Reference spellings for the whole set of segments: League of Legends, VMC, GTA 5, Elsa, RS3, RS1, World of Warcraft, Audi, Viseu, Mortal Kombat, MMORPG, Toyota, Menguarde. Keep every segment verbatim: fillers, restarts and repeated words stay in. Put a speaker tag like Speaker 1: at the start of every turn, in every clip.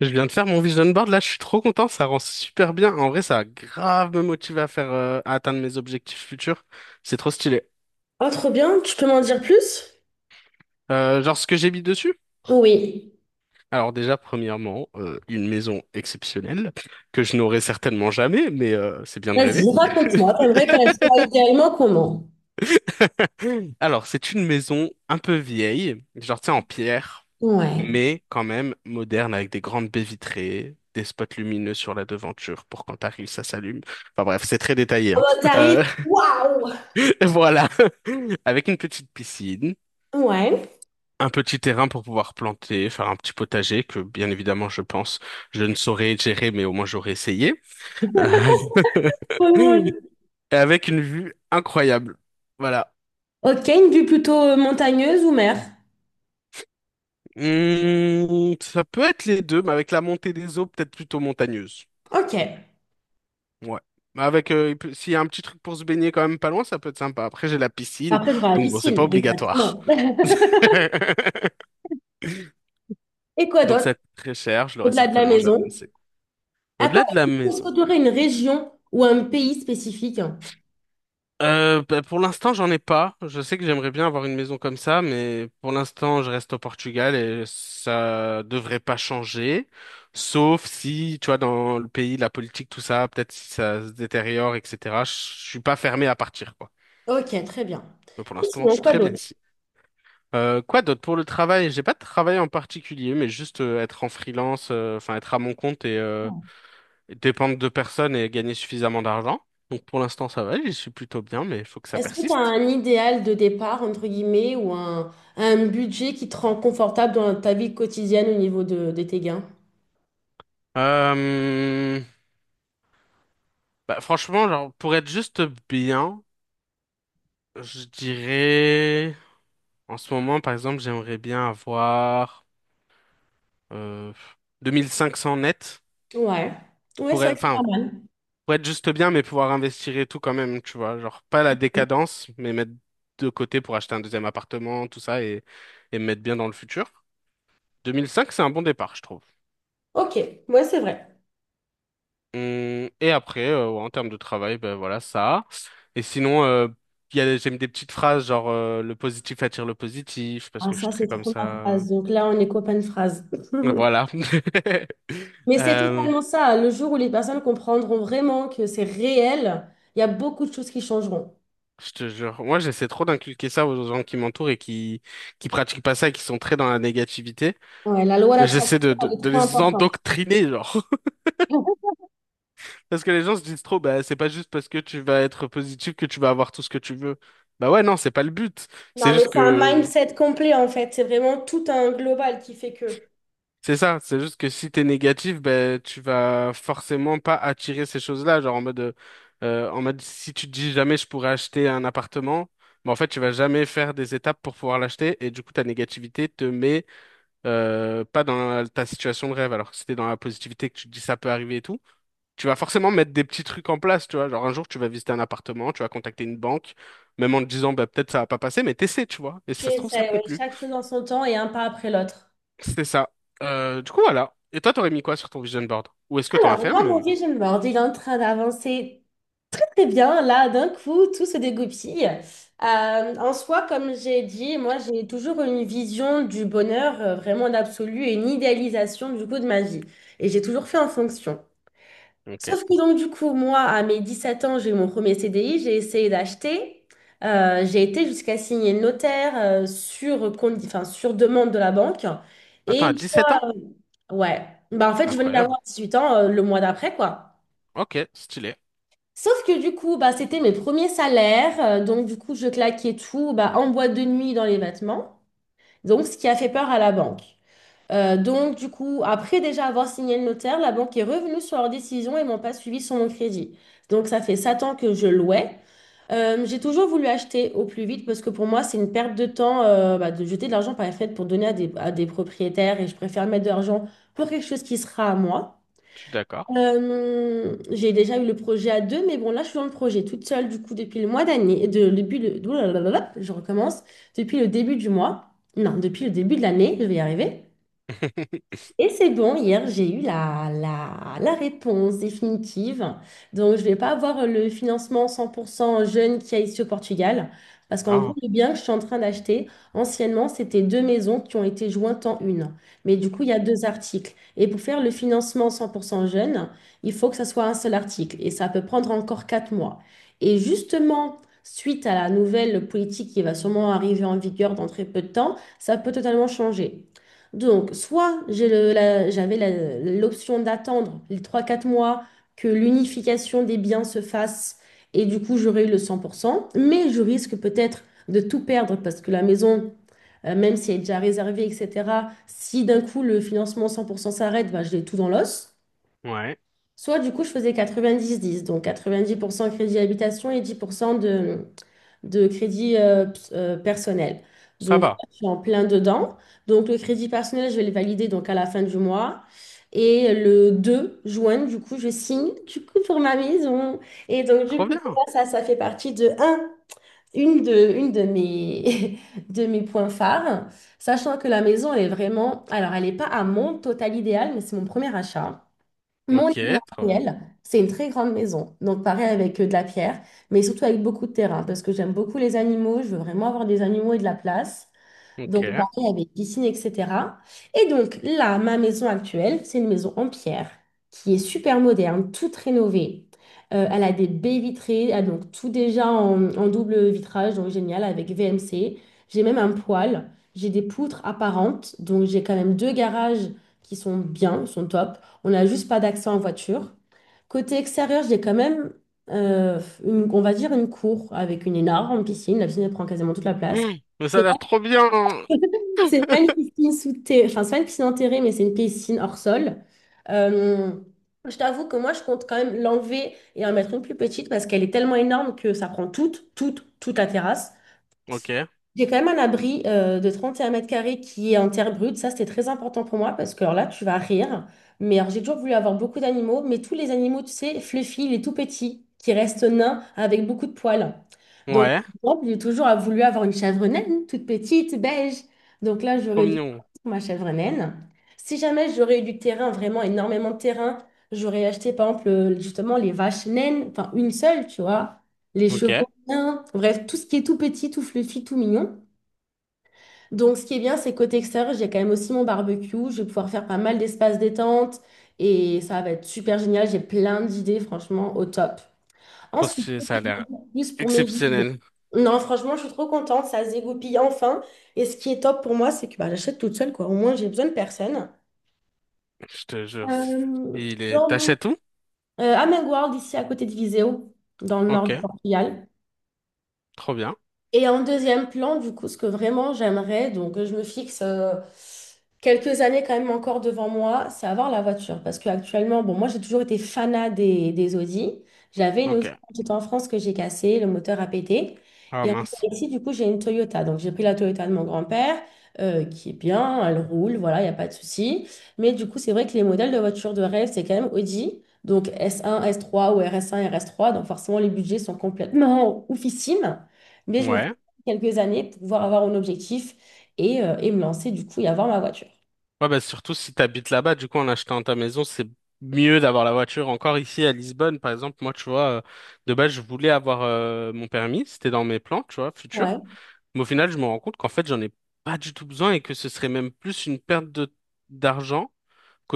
Speaker 1: Je viens de faire mon vision board, là, je suis trop content, ça rend super bien. En vrai, ça a grave me motivé à faire, euh, à atteindre mes objectifs futurs. C'est trop stylé.
Speaker 2: Ah, trop bien, tu peux m'en dire plus?
Speaker 1: Euh, genre, ce que j'ai mis dessus?
Speaker 2: Oui.
Speaker 1: Alors déjà, premièrement, euh, une maison exceptionnelle, que je n'aurai certainement jamais, mais euh, c'est bien de
Speaker 2: Vas-y,
Speaker 1: rêver.
Speaker 2: raconte-moi, t'aimerais qu'elle soit idéalement comment?
Speaker 1: Alors, c'est une maison un peu vieille, genre, tu sais, en pierre,
Speaker 2: Ouais.
Speaker 1: mais quand même moderne, avec des grandes baies vitrées, des spots lumineux sur la devanture pour quand t'arrives, ça s'allume. Enfin bref, c'est très détaillé,
Speaker 2: Oh,
Speaker 1: hein.
Speaker 2: bah, t'arrives,
Speaker 1: Euh,
Speaker 2: waouh!
Speaker 1: Voilà. Avec une petite piscine,
Speaker 2: Ouais.
Speaker 1: un petit terrain pour pouvoir planter, faire un petit potager que, bien évidemment, je pense, je ne saurais gérer, mais au moins j'aurais essayé. Euh,
Speaker 2: Trop
Speaker 1: Et
Speaker 2: drôle.
Speaker 1: avec une vue incroyable. Voilà.
Speaker 2: Ok, une vue plutôt euh, montagneuse ou mer?
Speaker 1: Hmm, ça peut être les deux, mais avec la montée des eaux, peut-être plutôt montagneuse.
Speaker 2: Ok.
Speaker 1: Ouais. Mais avec, euh, il peut- s'il y a un petit truc pour se baigner quand même pas loin, ça peut être sympa. Après, j'ai la piscine,
Speaker 2: Après, tu la
Speaker 1: donc bon, c'est pas
Speaker 2: piscine,
Speaker 1: obligatoire.
Speaker 2: exactement. Et quoi
Speaker 1: Donc
Speaker 2: d'autre,
Speaker 1: ça coûte très cher, je l'aurais
Speaker 2: au-delà de la
Speaker 1: certainement jamais.
Speaker 2: maison? Attends,
Speaker 1: Au-delà de la
Speaker 2: est-ce
Speaker 1: maison.
Speaker 2: que tu aurais une région ou un pays spécifique?
Speaker 1: Euh, bah, pour l'instant, j'en ai pas. Je sais que j'aimerais bien avoir une maison comme ça, mais pour l'instant, je reste au Portugal et ça devrait pas changer. Sauf si, tu vois, dans le pays, la politique, tout ça, peut-être si ça se détériore, et cetera. Je suis pas fermé à partir, quoi.
Speaker 2: Ok, très bien.
Speaker 1: Mais pour
Speaker 2: Et
Speaker 1: l'instant, je
Speaker 2: sinon,
Speaker 1: suis
Speaker 2: quoi
Speaker 1: très bien
Speaker 2: d'autre?
Speaker 1: ici. Euh, quoi d'autre pour le travail? J'ai pas de travail en particulier, mais juste euh, être en freelance, euh, enfin être à mon compte et euh, dépendre de personnes et gagner suffisamment d'argent. Donc pour l'instant, ça va, je suis plutôt bien, mais il faut que ça
Speaker 2: Est-ce que tu as
Speaker 1: persiste.
Speaker 2: un idéal de départ, entre guillemets, ou un, un budget qui te rend confortable dans ta vie quotidienne au niveau de, de tes gains?
Speaker 1: Euh, Bah, franchement, genre, pour être juste bien, je dirais, en ce moment, par exemple, j'aimerais bien avoir euh, deux mille cinq cents net,
Speaker 2: Ouais. Ouais, c'est
Speaker 1: pour
Speaker 2: vrai
Speaker 1: être,
Speaker 2: que c'est
Speaker 1: enfin,
Speaker 2: pas mal.
Speaker 1: pour être juste bien, mais pouvoir investir et tout quand même, tu vois, genre, pas la décadence, mais mettre de côté pour acheter un deuxième appartement, tout ça, et, et me mettre bien dans le futur. deux mille cinq, c'est un bon départ, je trouve.
Speaker 2: Ok, ouais, c'est vrai.
Speaker 1: Hum, Et après, euh, ouais, en termes de travail, ben voilà ça. Et sinon, euh, il y a, j'aime des petites phrases genre euh, le positif attire le positif parce
Speaker 2: Ah,
Speaker 1: que je suis
Speaker 2: ça,
Speaker 1: très
Speaker 2: c'est
Speaker 1: comme
Speaker 2: trop ma
Speaker 1: ça.
Speaker 2: phrase. Donc là, on est copain de phrase.
Speaker 1: Voilà.
Speaker 2: Mais c'est
Speaker 1: Euh,
Speaker 2: totalement ça. Le jour où les personnes comprendront vraiment que c'est réel, il y a beaucoup de choses qui changeront.
Speaker 1: je te jure, moi j'essaie trop d'inculquer ça aux gens qui m'entourent et qui qui pratiquent pas ça et qui sont très dans la négativité.
Speaker 2: Ouais, la loi
Speaker 1: J'essaie de,
Speaker 2: d'attraction,
Speaker 1: de
Speaker 2: elle est
Speaker 1: de
Speaker 2: trop
Speaker 1: les
Speaker 2: importante.
Speaker 1: endoctriner genre parce que les gens se disent trop bah c'est pas juste parce que tu vas être positif que tu vas avoir tout ce que tu veux. Bah ouais non c'est pas le but. C'est
Speaker 2: Non, mais
Speaker 1: juste
Speaker 2: c'est un
Speaker 1: que
Speaker 2: mindset complet en fait. C'est vraiment tout un global qui fait que
Speaker 1: C'est ça, c'est juste que si t'es négatif, ben tu vas forcément pas attirer ces choses-là, genre en mode euh, euh, en mode si tu te dis jamais je pourrais acheter un appartement, ben en fait tu vas jamais faire des étapes pour pouvoir l'acheter et du coup ta négativité te met euh, pas dans ta situation de rêve. Alors que si t'es dans la positivité que tu te dis ça peut arriver et tout, tu vas forcément mettre des petits trucs en place, tu vois. Genre un jour tu vas visiter un appartement, tu vas contacter une banque, même en te disant bah peut-être ça va pas passer, mais t'essaies, tu vois. Et si
Speaker 2: tu
Speaker 1: ça se trouve ça
Speaker 2: essaies, ouais,
Speaker 1: conclut.
Speaker 2: chaque chose en son temps et un pas après l'autre.
Speaker 1: C'est ça. Euh, du coup, voilà. Et toi, t'aurais mis quoi sur ton vision board? Ou est-ce que t'en as
Speaker 2: Alors,
Speaker 1: fait un
Speaker 2: moi, mon
Speaker 1: même?
Speaker 2: vision board, il est en train d'avancer très très bien. Là, d'un coup, tout se dégoupille. Euh, en soi, comme j'ai dit, moi, j'ai toujours une vision du bonheur euh, vraiment d'absolu et une idéalisation du coup de ma vie. Et j'ai toujours fait en fonction.
Speaker 1: Ok.
Speaker 2: Sauf que donc, du coup, moi, à mes dix-sept ans, j'ai eu mon premier C D I, j'ai essayé d'acheter. Euh, j'ai été jusqu'à signer le notaire euh, sur, condi- enfin, sur demande de la banque. Et
Speaker 1: Attends, à
Speaker 2: une
Speaker 1: dix-sept
Speaker 2: fois,
Speaker 1: ans?
Speaker 2: euh, ouais, bah, en fait, je venais d'avoir
Speaker 1: Incroyable.
Speaker 2: dix-huit ans euh, le mois d'après, quoi.
Speaker 1: Ok, stylé.
Speaker 2: Sauf que du coup, bah, c'était mes premiers salaires. Euh, donc, du coup, je claquais tout bah, en boîte de nuit dans les vêtements. Donc, ce qui a fait peur à la banque. Euh, donc, du coup, après déjà avoir signé le notaire, la banque est revenue sur leur décision et m'ont pas suivi sur mon crédit. Donc, ça fait sept ans que je louais. Euh, j'ai toujours voulu acheter au plus vite parce que pour moi, c'est une perte de temps euh, bah, de jeter de l'argent par les fenêtre pour donner à des, à des propriétaires et je préfère mettre de l'argent pour quelque chose qui sera à moi.
Speaker 1: Je suis d'accord.
Speaker 2: Euh, j'ai déjà eu le projet à deux, mais bon, là, je suis dans le projet toute seule, du coup, depuis le mois d'année, de, depuis le, ouh là là là là, je recommence, depuis le début du mois, non, depuis le début de l'année, je vais y arriver. Et c'est bon, hier, j'ai eu la, la, la réponse définitive. Donc, je ne vais pas avoir le financement cent pour cent jeune qui a ici au Portugal. Parce qu'en gros,
Speaker 1: Ah,
Speaker 2: le bien que je suis en train d'acheter, anciennement, c'était deux maisons qui ont été jointes en une. Mais du coup, il y a deux articles. Et pour faire le financement cent pour cent jeune, il faut que ça soit un seul article. Et ça peut prendre encore quatre mois. Et justement, suite à la nouvelle politique qui va sûrement arriver en vigueur dans très peu de temps, ça peut totalement changer. Donc, soit j'ai le- la- j'avais la- l'option d'attendre les trois quatre mois que l'unification des biens se fasse et du coup j'aurais eu le cent pour cent, mais je risque peut-être de tout perdre parce que la maison, euh, même si elle est déjà réservée, et cetera, si d'un coup le financement cent pour cent s'arrête, bah, je l'ai tout dans l'os.
Speaker 1: ouais.
Speaker 2: Soit du coup je faisais quatre-vingt-dix dix, donc quatre-vingt-dix pour cent crédit habitation et dix pour cent de crédit euh, ps- euh, personnel.
Speaker 1: Ça
Speaker 2: Donc, là,
Speaker 1: va.
Speaker 2: je suis en plein dedans. Donc, le crédit personnel, je vais le valider donc à la fin du mois. Et le deux juin, du coup, je signe du coup pour ma maison. Et donc, du
Speaker 1: Trop
Speaker 2: coup,
Speaker 1: bien.
Speaker 2: là, ça, ça fait partie de un, une de, une de mes, de mes points phares. Sachant que la maison, elle est vraiment... Alors, elle n'est pas à mon total idéal, mais c'est mon premier achat. Mon
Speaker 1: Ok,
Speaker 2: idéal,
Speaker 1: trop bien.
Speaker 2: réel, c'est une très grande maison. Donc, pareil avec euh, de la pierre, mais surtout avec beaucoup de terrain parce que j'aime beaucoup les animaux. Je veux vraiment avoir des animaux et de la place.
Speaker 1: Ok.
Speaker 2: Donc, pareil avec piscine, et cetera. Et donc, là, ma maison actuelle, c'est une maison en pierre qui est super moderne, toute rénovée. Euh, elle a des baies vitrées, elle a donc tout déjà en, en double vitrage, donc génial, avec V M C. J'ai même un poêle, j'ai des poutres apparentes, donc j'ai quand même deux garages qui sont bien, sont top. On n'a juste pas d'accès en voiture. Côté extérieur, j'ai quand même, euh, une- on va dire, une cour avec une énorme piscine. La piscine, elle prend quasiment toute la place.
Speaker 1: Mmh, mais ça a l'air trop bien.
Speaker 2: C'est pas une piscine sous terre, enfin, c'est pas une piscine enterrée, mais c'est une piscine hors sol. Euh, je t'avoue que moi, je compte quand même l'enlever et en mettre une plus petite parce qu'elle est tellement énorme que ça prend toute, toute, toute la terrasse.
Speaker 1: Ok.
Speaker 2: J'ai quand même un abri euh, de trente et un mètres carrés qui est en terre brute. Ça, c'était très important pour moi parce que alors là, tu vas rire. Mais alors, j'ai toujours voulu avoir beaucoup d'animaux, mais tous les animaux, tu sais, fluffy, les tout petits, qui restent nains avec beaucoup de poils. Donc,
Speaker 1: Ouais.
Speaker 2: par exemple, j'ai toujours voulu avoir une chèvre naine, toute petite, beige. Donc là,
Speaker 1: Trop
Speaker 2: j'aurais dû
Speaker 1: mignon.
Speaker 2: prendre ma chèvre naine. Si jamais j'aurais eu du terrain, vraiment énormément de terrain, j'aurais acheté, par exemple, euh, justement, les vaches naines, enfin, une seule, tu vois, les
Speaker 1: Ok.
Speaker 2: chevaux. Bien. Bref, tout ce qui est tout petit, tout fluffy, tout mignon. Donc, ce qui est bien, c'est côté extérieur, j'ai quand même aussi mon barbecue. Je vais pouvoir faire pas mal d'espace détente et ça va être super génial. J'ai plein d'idées, franchement, au top.
Speaker 1: Trop
Speaker 2: Ensuite,
Speaker 1: stylé, ça
Speaker 2: côté
Speaker 1: a l'air
Speaker 2: plus pour mes vides.
Speaker 1: exceptionnel.
Speaker 2: Non, franchement, je suis trop contente. Ça se dégoupille enfin. Et ce qui est top pour moi, c'est que bah, j'achète toute seule, quoi. Au moins, j'ai besoin de personne.
Speaker 1: Je te jure. c'est-
Speaker 2: Euh,
Speaker 1: Il est...
Speaker 2: dans mon-
Speaker 1: T'achètes tout?
Speaker 2: euh, à Menguarde, ici à côté de Viseu, dans le nord
Speaker 1: Ok.
Speaker 2: du Portugal.
Speaker 1: Trop bien.
Speaker 2: Et en deuxième plan, du coup, ce que vraiment j'aimerais, donc euh, je me fixe euh, quelques années quand même encore devant moi, c'est avoir la voiture. Parce qu'actuellement, bon, moi j'ai toujours été fanat des, des Audi. J'avais une
Speaker 1: Ok.
Speaker 2: Audi quand j'étais en France que j'ai cassée, le moteur a pété.
Speaker 1: Ah
Speaker 2: Et en
Speaker 1: mince.
Speaker 2: ici, du coup, j'ai une Toyota. Donc j'ai pris la Toyota de mon grand-père, euh, qui est bien, elle roule, voilà, il n'y a pas de souci. Mais du coup, c'est vrai que les modèles de voitures de rêve, c'est quand même Audi. Donc s un, s trois ou R S un, rs trois. Donc forcément, les budgets sont complètement oufissimes. Mais je me
Speaker 1: Ouais.
Speaker 2: quelques années pour pouvoir avoir un objectif et, euh, et me lancer du coup et avoir ma voiture.
Speaker 1: Ouais, bah surtout si t'habites là-bas, du coup, en achetant ta maison, c'est mieux d'avoir la voiture. Encore ici à Lisbonne, par exemple, moi, tu vois, euh, de base, je voulais avoir euh, mon permis, c'était dans mes plans, tu vois,
Speaker 2: Ouais,
Speaker 1: futurs. Mais au final, je me rends compte qu'en fait, j'en ai pas du tout besoin et que ce serait même plus une perte de d'argent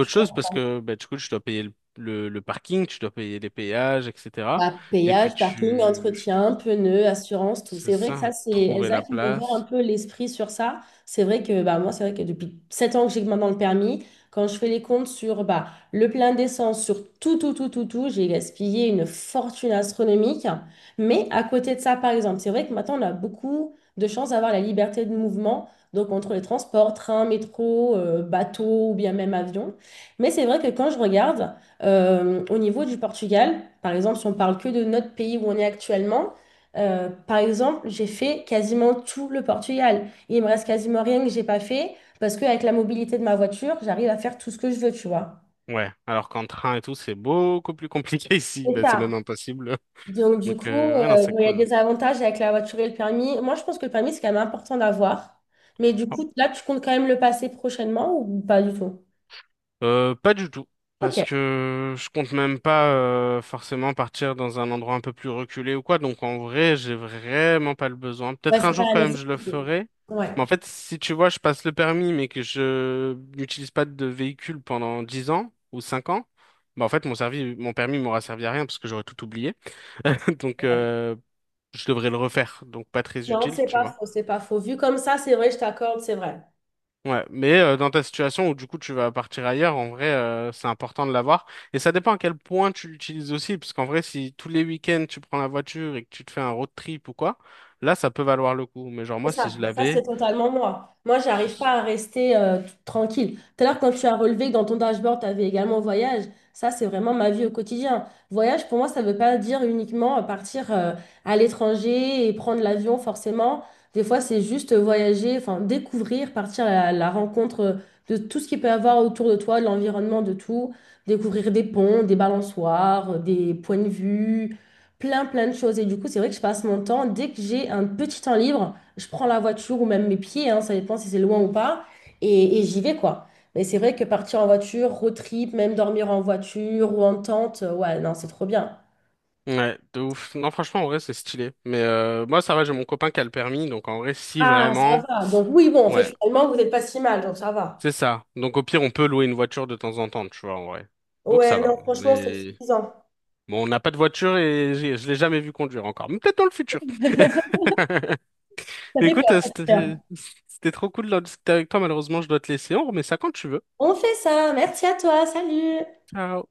Speaker 2: je
Speaker 1: chose parce que, bah, du coup, tu dois payer le, le, le parking, tu dois payer les péages, et cetera.
Speaker 2: Bah,
Speaker 1: Et puis,
Speaker 2: péage, parking,
Speaker 1: tu,
Speaker 2: entretien, pneus, assurance, tout.
Speaker 1: c'est
Speaker 2: C'est vrai que ça,
Speaker 1: ça,
Speaker 2: c'est
Speaker 1: trouver
Speaker 2: Elsa
Speaker 1: la
Speaker 2: qui m'a ouvert un
Speaker 1: place.
Speaker 2: peu l'esprit sur ça. C'est vrai que bah, moi, c'est vrai que depuis sept ans que j'ai maintenant le permis, quand je fais les comptes sur bah, le plein d'essence, sur tout, tout, tout, tout, tout, j'ai gaspillé une fortune astronomique. Mais à côté de ça, par exemple, c'est vrai que maintenant, on a beaucoup de chance d'avoir la liberté de mouvement, donc entre les transports, train, métro, euh, bateau ou bien même avion. Mais c'est vrai que quand je regarde, euh, au niveau du Portugal, par exemple, si on parle que de notre pays où on est actuellement, euh, par exemple, j'ai fait quasiment tout le Portugal. Il me reste quasiment rien que j'ai pas fait parce qu'avec la mobilité de ma voiture, j'arrive à faire tout ce que je veux, tu vois.
Speaker 1: Ouais, alors qu'en train et tout, c'est beaucoup plus compliqué ici.
Speaker 2: C'est
Speaker 1: Bah, c'est même
Speaker 2: ça.
Speaker 1: impossible.
Speaker 2: Donc, du
Speaker 1: Donc,
Speaker 2: coup,
Speaker 1: euh, ouais, non,
Speaker 2: euh,
Speaker 1: c'est
Speaker 2: bon, il y a
Speaker 1: cool.
Speaker 2: des avantages avec la voiture et le permis. Moi, je pense que le permis, c'est quand même important d'avoir. Mais du
Speaker 1: Oh.
Speaker 2: coup, là, tu comptes quand même le passer prochainement ou pas du tout?
Speaker 1: Euh, pas du tout,
Speaker 2: Ok.
Speaker 1: parce que je compte même pas euh, forcément partir dans un endroit un peu plus reculé ou quoi. Donc, en vrai, j'ai vraiment pas le besoin.
Speaker 2: Ouais,
Speaker 1: Peut-être un
Speaker 2: c'est pas
Speaker 1: jour,
Speaker 2: la
Speaker 1: quand même, je le
Speaker 2: nécessité.
Speaker 1: ferai.
Speaker 2: Ouais.
Speaker 1: Mais en fait, si tu vois, je passe le permis, mais que je n'utilise pas de véhicule pendant dix ans ou cinq ans, bah, en fait, mon servi, mon permis m'aura servi à rien parce que j'aurais tout oublié. Donc, euh, je devrais le refaire. Donc, pas très
Speaker 2: Non,
Speaker 1: utile,
Speaker 2: c'est
Speaker 1: tu
Speaker 2: pas
Speaker 1: vois.
Speaker 2: faux, c'est pas faux. Vu comme ça, c'est vrai, je t'accorde, c'est vrai.
Speaker 1: Ouais, mais euh, dans ta situation où du coup tu vas partir ailleurs, en vrai, euh, c'est important de l'avoir. Et ça dépend à quel point tu l'utilises aussi, parce qu'en vrai, si tous les week-ends tu prends la voiture et que tu te fais un road trip ou quoi, là, ça peut valoir le coup. Mais genre moi,
Speaker 2: C'est
Speaker 1: si
Speaker 2: ça,
Speaker 1: je
Speaker 2: ça c'est
Speaker 1: l'avais,
Speaker 2: totalement moi. Moi, j'arrive pas
Speaker 1: ce-
Speaker 2: à rester euh, t- tranquille. Tout à l'heure, quand tu as relevé que dans ton dashboard, tu avais également voyage, ça c'est vraiment ma vie au quotidien. Voyage, pour moi, ça veut pas dire uniquement euh, partir euh, à l'étranger et prendre l'avion forcément. Des fois, c'est juste voyager, enfin découvrir, partir à la rencontre de tout ce qu'il peut y avoir autour de toi, de l'environnement, de tout. Découvrir des ponts, des balançoires, euh, des points de vue, plein, plein de choses. Et du coup, c'est vrai que je passe mon temps, dès que j'ai un petit temps libre, je prends la voiture ou même mes pieds, hein, ça dépend si c'est loin ou pas, et, et j'y vais quoi. Mais c'est vrai que partir en voiture, road trip, même dormir en voiture ou en tente, euh, ouais, non, c'est trop bien.
Speaker 1: ouais, de ouf. Non, franchement, en vrai, c'est stylé. Mais euh, moi, ça va, j'ai mon copain qui a le permis, donc en vrai, si
Speaker 2: Ah, Ça
Speaker 1: vraiment,
Speaker 2: va. Donc oui, bon, en fait,
Speaker 1: ouais,
Speaker 2: finalement, vous n'êtes pas si mal, donc ça va.
Speaker 1: c'est ça. Donc au pire, on peut louer une voiture de temps en temps, tu vois, en vrai. Donc ça
Speaker 2: Ouais,
Speaker 1: va.
Speaker 2: non, franchement, c'est
Speaker 1: Mais
Speaker 2: suffisant.
Speaker 1: bon, on n'a pas de voiture et j'ai- je l'ai jamais vu conduire encore. Mais peut-être dans le futur.
Speaker 2: Ça
Speaker 1: Mais
Speaker 2: fait
Speaker 1: écoute,
Speaker 2: peur,
Speaker 1: euh,
Speaker 2: ça fait peur.
Speaker 1: c'était c'était trop cool de discuter avec toi. Malheureusement, je dois te laisser. On remet ça quand tu veux.
Speaker 2: On fait ça. Merci à toi. Salut.
Speaker 1: Ciao.